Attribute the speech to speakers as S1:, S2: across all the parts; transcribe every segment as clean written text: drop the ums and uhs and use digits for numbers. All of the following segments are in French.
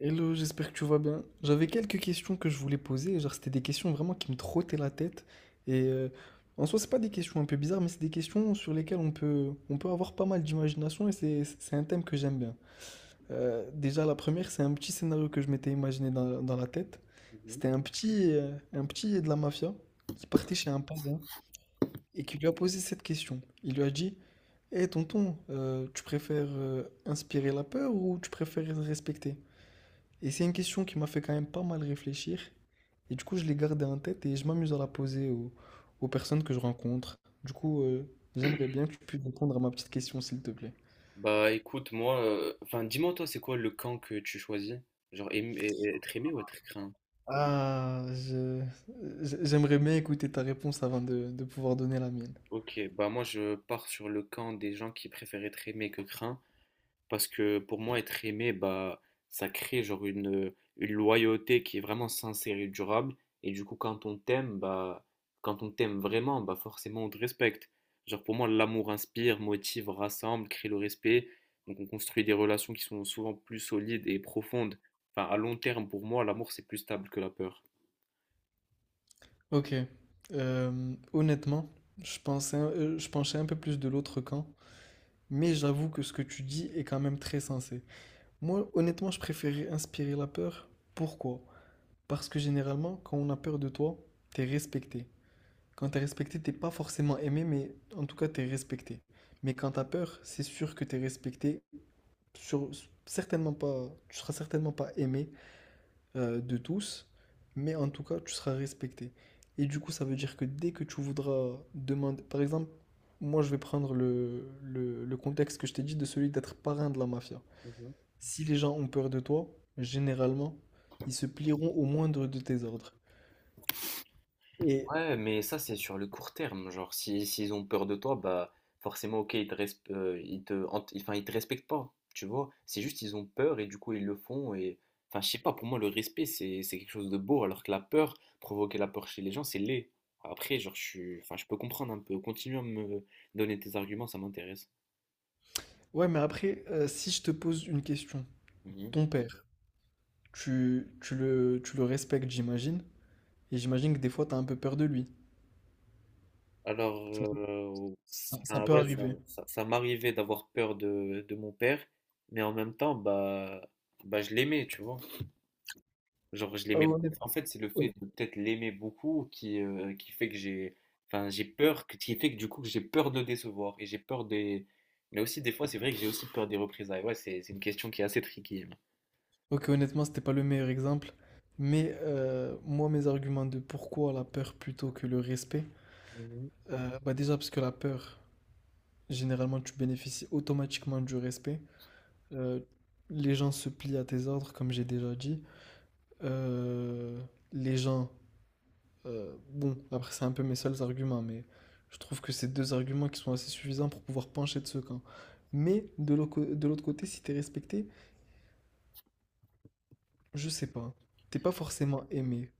S1: Hello, j'espère que tu vas bien. J'avais quelques questions que je voulais poser, genre c'était des questions vraiment qui me trottaient la tête. Et euh, En soi, c'est pas des questions un peu bizarres, mais c'est des questions sur lesquelles on peut avoir pas mal d'imagination et c'est un thème que j'aime bien. Déjà, la première, c'est un petit scénario que je m'étais imaginé dans la tête.
S2: Mhm.
S1: C'était un petit de la mafia qui partait chez un parrain et qui lui a posé cette question. Il lui a dit, hé tonton, tu préfères inspirer la peur ou tu préfères respecter? Et c'est une question qui m'a fait quand même pas mal réfléchir. Et du coup, je l'ai gardée en tête et je m'amuse à la poser aux personnes que je rencontre. Du coup, euh, J'aimerais bien que tu puisses répondre à ma petite question, s'il te plaît.
S2: Bah écoute, moi, enfin dis-moi toi, c'est quoi le camp que tu choisis? Genre et être aimé ou être craint?
S1: Ah, j'aimerais bien écouter ta réponse avant de pouvoir donner la mienne.
S2: Ok, bah moi je pars sur le camp des gens qui préfèrent être aimés que craints, parce que pour moi être aimé, bah ça crée genre une loyauté qui est vraiment sincère et durable, et du coup quand on t'aime, bah quand on t'aime vraiment, bah forcément on te respecte. Genre pour moi l'amour inspire, motive, rassemble, crée le respect, donc on construit des relations qui sont souvent plus solides et profondes. Enfin à long terme pour moi l'amour c'est plus stable que la peur.
S1: Ok. Honnêtement, je penchais un peu plus de l'autre camp, mais j'avoue que ce que tu dis est quand même très sensé. Moi, honnêtement, je préférais inspirer la peur. Pourquoi? Parce que généralement, quand on a peur de toi, t'es respecté. Quand t'es respecté, t'es pas forcément aimé, mais en tout cas, t'es respecté. Mais quand t'as peur, c'est sûr que t'es respecté. Sur, Certainement pas, tu seras certainement pas aimé de tous, mais en tout cas, tu seras respecté. Et du coup, ça veut dire que dès que tu voudras demander, par exemple, moi, je vais prendre le contexte que je t'ai dit de celui d'être parrain de la mafia.
S2: Mmh mh.
S1: Si les gens ont peur de toi, généralement, ils se plieront au moindre de tes ordres. Et
S2: Ouais, mais ça, c'est sur le court terme. Genre, si, s'ils ont peur de toi, bah, forcément, ok, ils te, resp- ils te, hant- enfin, ils te respectent pas, tu vois. C'est juste, ils ont peur et du coup, ils le font. Et, enfin, je sais pas, pour moi, le respect, c'est quelque chose de beau, alors que la peur, provoquer la peur chez les gens, c'est laid. Après, genre, enfin, je peux comprendre un peu. Continue à me donner tes arguments, ça m'intéresse.
S1: ouais, mais après, si je te pose une question,
S2: Mhm.
S1: ton père, tu le respectes, j'imagine? Et j'imagine que des fois, t'as un peu peur de lui.
S2: Alors,
S1: Ça peut, ça
S2: ça,
S1: peut
S2: ouais,
S1: arriver.
S2: ça m'arrivait d'avoir peur de mon père, mais en même temps, bah, je l'aimais, tu vois. Genre, je
S1: Ah,
S2: l'aimais.
S1: Honnête
S2: En fait, c'est le
S1: hon
S2: fait de peut-être l'aimer beaucoup qui fait que j'ai. Enfin, j'ai peur, qui fait que du coup, que j'ai peur de le décevoir. Et j'ai peur des. Mais aussi, des fois, c'est vrai que j'ai aussi peur des représailles. Ouais, c'est une question qui est assez tricky, hein.
S1: OK, honnêtement, c'était pas le meilleur exemple, mais moi, mes arguments de pourquoi la peur plutôt que le respect,
S2: Mhm.
S1: déjà parce que la peur, généralement, tu bénéficies automatiquement du respect. Heu, les gens se plient à tes ordres, comme j'ai déjà dit. Heu, les gens Bon, après, c'est un peu mes seuls arguments, mais je trouve que c'est deux arguments qui sont assez suffisants pour pouvoir pencher de ce camp. Mais de l'autre côté, si t'es respecté, je sais pas. T'es pas forcément aimé.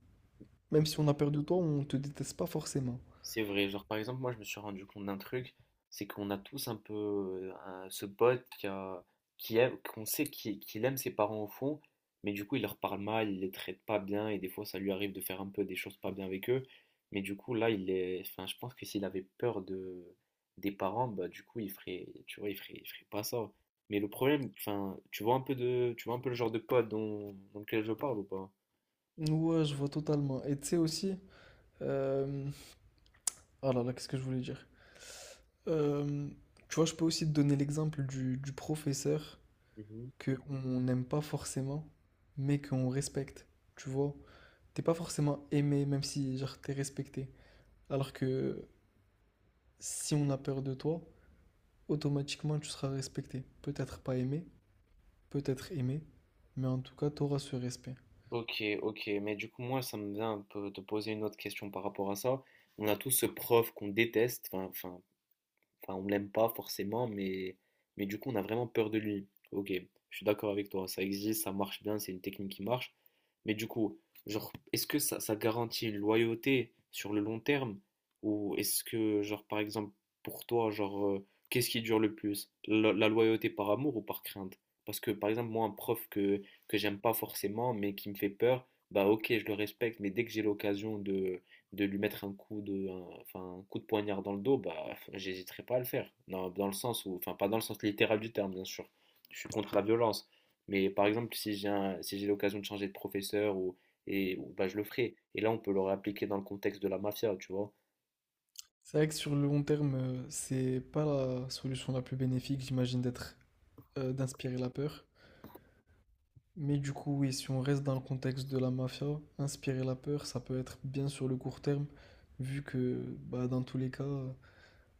S1: Même si on a peur de toi, on te déteste pas forcément.
S2: C'est vrai, genre par exemple, moi je me suis rendu compte d'un truc, c'est qu'on a tous un peu ce pote qui aime, qu'on sait qu'il aime ses parents au fond, mais du coup il leur parle mal, il les traite pas bien, et des fois ça lui arrive de faire un peu des choses pas bien avec eux, mais du coup là il est, enfin je pense que s'il avait peur de des parents, bah du coup il ferait, tu vois, il ferait pas ça. Mais le problème, enfin, tu vois un peu le genre de pote dont lequel je parle ou pas?
S1: Ouais, je vois totalement. Et tu sais aussi. Euh... Oh là là, qu'est-ce que je voulais dire? Euh, Tu vois, je peux aussi te donner l'exemple du professeur que on n'aime pas forcément, mais qu'on respecte. Tu vois? T'es pas forcément aimé, même si genre t'es respecté. Alors que si on a peur de toi, automatiquement tu seras respecté. Peut-être pas aimé, peut-être aimé, mais en tout cas tu auras ce respect.
S2: Ok, ok, mais du coup, moi, ça me vient un peu de poser une autre question par rapport à ça. On a tous ce prof qu'on déteste, enfin, on l'aime pas forcément, mais du coup, on a vraiment peur de lui. Ok, je suis d'accord avec toi, ça existe, ça marche bien, c'est une technique qui marche. Mais du coup, genre, est-ce que ça garantit une loyauté sur le long terme? Ou est-ce que, genre, par exemple, pour toi, genre, qu'est-ce qui dure le plus? La loyauté par amour ou par crainte? Parce que, par exemple, moi, un prof que j'aime pas forcément, mais qui me fait peur, bah ok, je le respecte, mais dès que j'ai l'occasion de lui mettre un coup de, enfin, un coup de poignard dans le dos, bah, j'hésiterais pas à le faire. Non, dans le sens où, enfin, pas dans le sens littéral du terme, bien sûr. Je suis contre la violence. Mais par exemple, si j'ai l'occasion de changer de professeur ou, et, bah, je le ferai. Et là, on peut le réappliquer dans le contexte de la mafia, tu vois.
S1: C'est vrai que sur le long terme, c'est pas la solution la plus bénéfique, j'imagine, d'être d'inspirer la peur. Mais du coup, oui, si on reste dans le contexte de la mafia, inspirer la peur, ça peut être bien sur le court terme, vu que bah, dans tous les cas,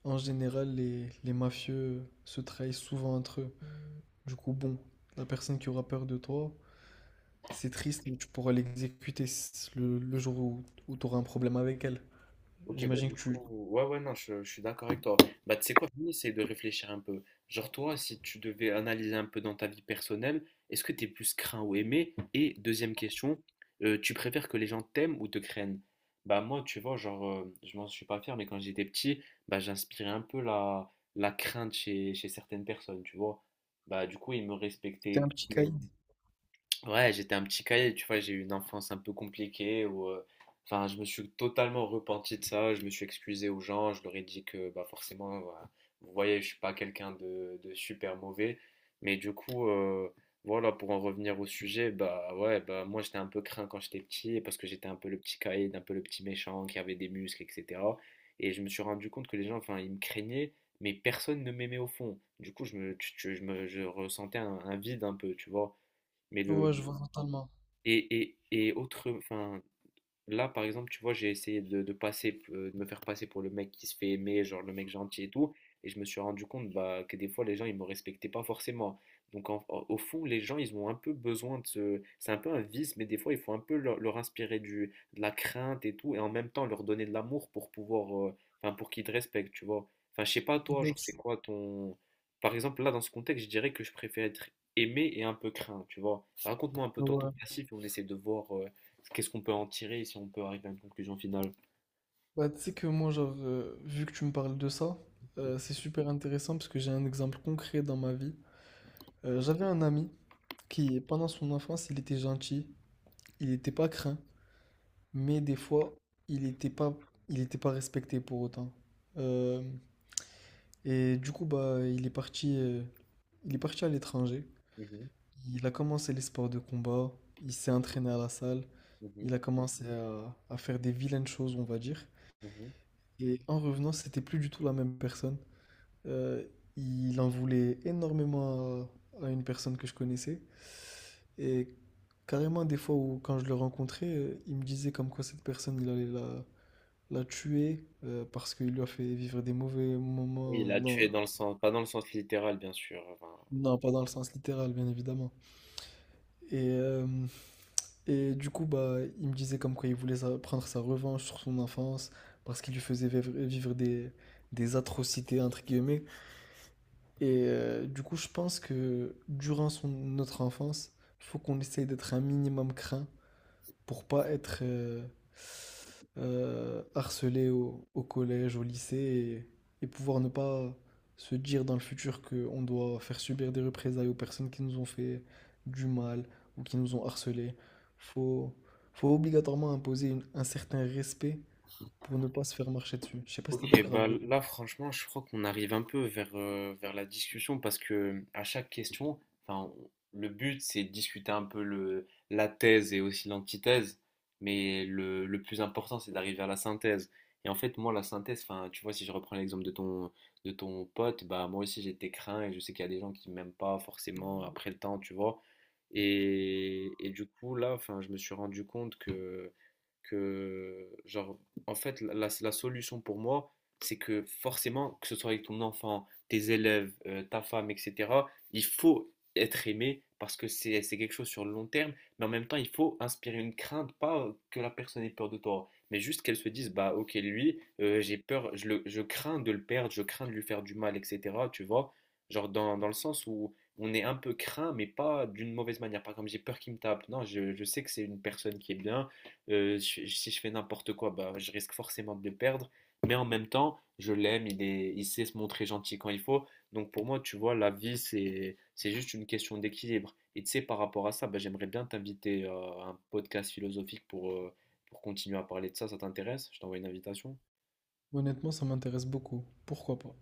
S1: en général, les mafieux se trahissent souvent entre eux. Du coup, bon, la personne qui aura peur de toi, c'est triste, mais tu pourras le jour où tu auras un problème avec elle.
S2: Ok, bah
S1: J'imagine
S2: du
S1: que tu
S2: coup, ouais, ouais, non, je suis d'accord avec toi. Bah, tu sais quoi, Fanny, essaye de réfléchir un peu. Genre, toi, si tu devais analyser un peu dans ta vie personnelle, est-ce que t'es plus craint ou aimé? Et deuxième question, tu préfères que les gens t'aiment ou te craignent? Bah, moi, tu vois, genre, je m'en suis pas fier, mais quand j'étais petit, bah, j'inspirais un peu la, la crainte chez, chez certaines personnes, tu vois. Bah, du coup, ils me
S1: étais
S2: respectaient.
S1: un petit caïd.
S2: Ouais, j'étais un petit cahier, tu vois, j'ai eu une enfance un peu compliquée où, enfin, je me suis totalement repenti de ça, je me suis excusé aux gens, je leur ai dit que, bah, forcément, voilà, vous voyez, je suis pas quelqu'un de super mauvais, mais du coup, voilà, pour en revenir au sujet, bah, ouais, bah, moi, j'étais un peu craint quand j'étais petit parce que j'étais un peu le petit caïd, un peu le petit méchant qui avait des muscles, etc. Et je me suis rendu compte que les gens, enfin, ils me craignaient, mais personne ne m'aimait au fond. Du coup, je me, tu- tu- je me- je ressentais un vide un peu, tu vois. Mais le,
S1: Ouais, je vois totalement.
S2: et autre, enfin, là, par exemple, tu vois, j'ai essayé de passer, de me faire passer pour le mec qui se fait aimer, genre le mec gentil et tout, et je me suis rendu compte bah, que des fois, les gens, ils me respectaient pas forcément. Donc, au fond, les gens, ils ont un peu besoin de ce... C'est un peu un vice, mais des fois, il faut un peu leur inspirer de la crainte et tout, et en même temps, leur donner de l'amour pour pouvoir... Enfin, pour qu'ils te respectent, tu vois. Enfin, je sais pas, toi,
S1: Ouais,
S2: genre,
S1: tu
S2: c'est quoi ton... Par exemple, là, dans ce contexte, je dirais que je préfère être aimé et un peu craint, tu vois. Raconte-moi un peu toi, ton
S1: ouais.
S2: passif, et on essaie de voir... qu'est-ce qu'on peut en tirer si on peut arriver à une conclusion finale?
S1: Bah, tu sais que moi, genre, vu que tu me parles de ça, c'est super intéressant parce que j'ai un exemple concret dans ma vie. J'avais un ami qui, pendant son enfance, il était gentil, il n'était pas craint, mais des fois, il n'était pas, il était pas respecté pour autant. Euh, et du coup, bah, il est parti à l'étranger.
S2: Mhm,
S1: Il a commencé les sports de combat, il s'est entraîné à la salle, il
S2: mhm,
S1: a commencé à faire des vilaines choses, on va dire.
S2: mhm.
S1: Et en revenant, c'était plus du tout la même personne. Euh, il en voulait énormément à une personne que je connaissais. Et carrément, des fois où quand je le rencontrais, il me disait comme quoi cette personne, il allait la tuer parce qu'il lui a fait vivre des mauvais
S2: Oui,
S1: moments.
S2: là, tu
S1: Non,
S2: es dans le sens, pas dans le sens littéral, bien sûr. Enfin,
S1: non, pas dans le sens littéral, bien évidemment. Et euh, Et du coup, bah, il me disait comme quoi prendre sa revanche sur son enfance parce qu'il lui faisait vivre des atrocités, entre guillemets. Du coup, je pense que durant notre enfance, il faut qu'on essaye d'être un minimum craint pour pas être harcelé au collège, au lycée et pouvoir ne pas se dire dans le futur qu'on doit faire subir des représailles aux personnes qui nous ont fait du mal ou qui nous ont harcelé. Faut, Faut obligatoirement imposer un certain respect pour ne pas se faire marcher dessus. Je sais pas si t'es
S2: ok,
S1: d'accord
S2: bah
S1: avec moi.
S2: là franchement, je crois qu'on arrive un peu vers, vers la discussion parce que à chaque question, enfin, le but c'est de discuter un peu la thèse et aussi l'antithèse, mais le plus important c'est d'arriver à la synthèse. Et en fait, moi, la synthèse, enfin, tu vois, si je reprends l'exemple de ton pote, bah moi aussi j'étais craint et je sais qu'il y a des gens qui m'aiment pas forcément après le temps, tu vois. Et du coup, là, enfin, je me suis rendu compte que, genre, en fait, la solution pour moi, c'est que forcément, que ce soit avec ton enfant, tes élèves, ta femme, etc., il faut être aimé parce que c'est quelque chose sur le long terme, mais en même temps, il faut inspirer une crainte, pas que la personne ait peur de toi, mais juste qu'elle se dise, bah ok, lui, j'ai peur, je crains de le perdre, je crains de lui faire du mal, etc., tu vois, genre dans le sens où on est un peu craint, mais pas d'une mauvaise manière, pas comme j'ai peur qu'il me tape, non, je sais que c'est une personne qui est bien, si je fais n'importe quoi, bah je risque forcément de le perdre. Mais en même temps, je l'aime, il est, il sait se montrer gentil quand il faut. Donc pour moi, tu vois, la vie, c'est juste une question d'équilibre. Et tu sais, par rapport à ça, bah, j'aimerais bien t'inviter à un podcast philosophique pour continuer à parler de ça. Ça t'intéresse? Je t'envoie une invitation.
S1: Honnêtement, ça m'intéresse beaucoup. Pourquoi pas?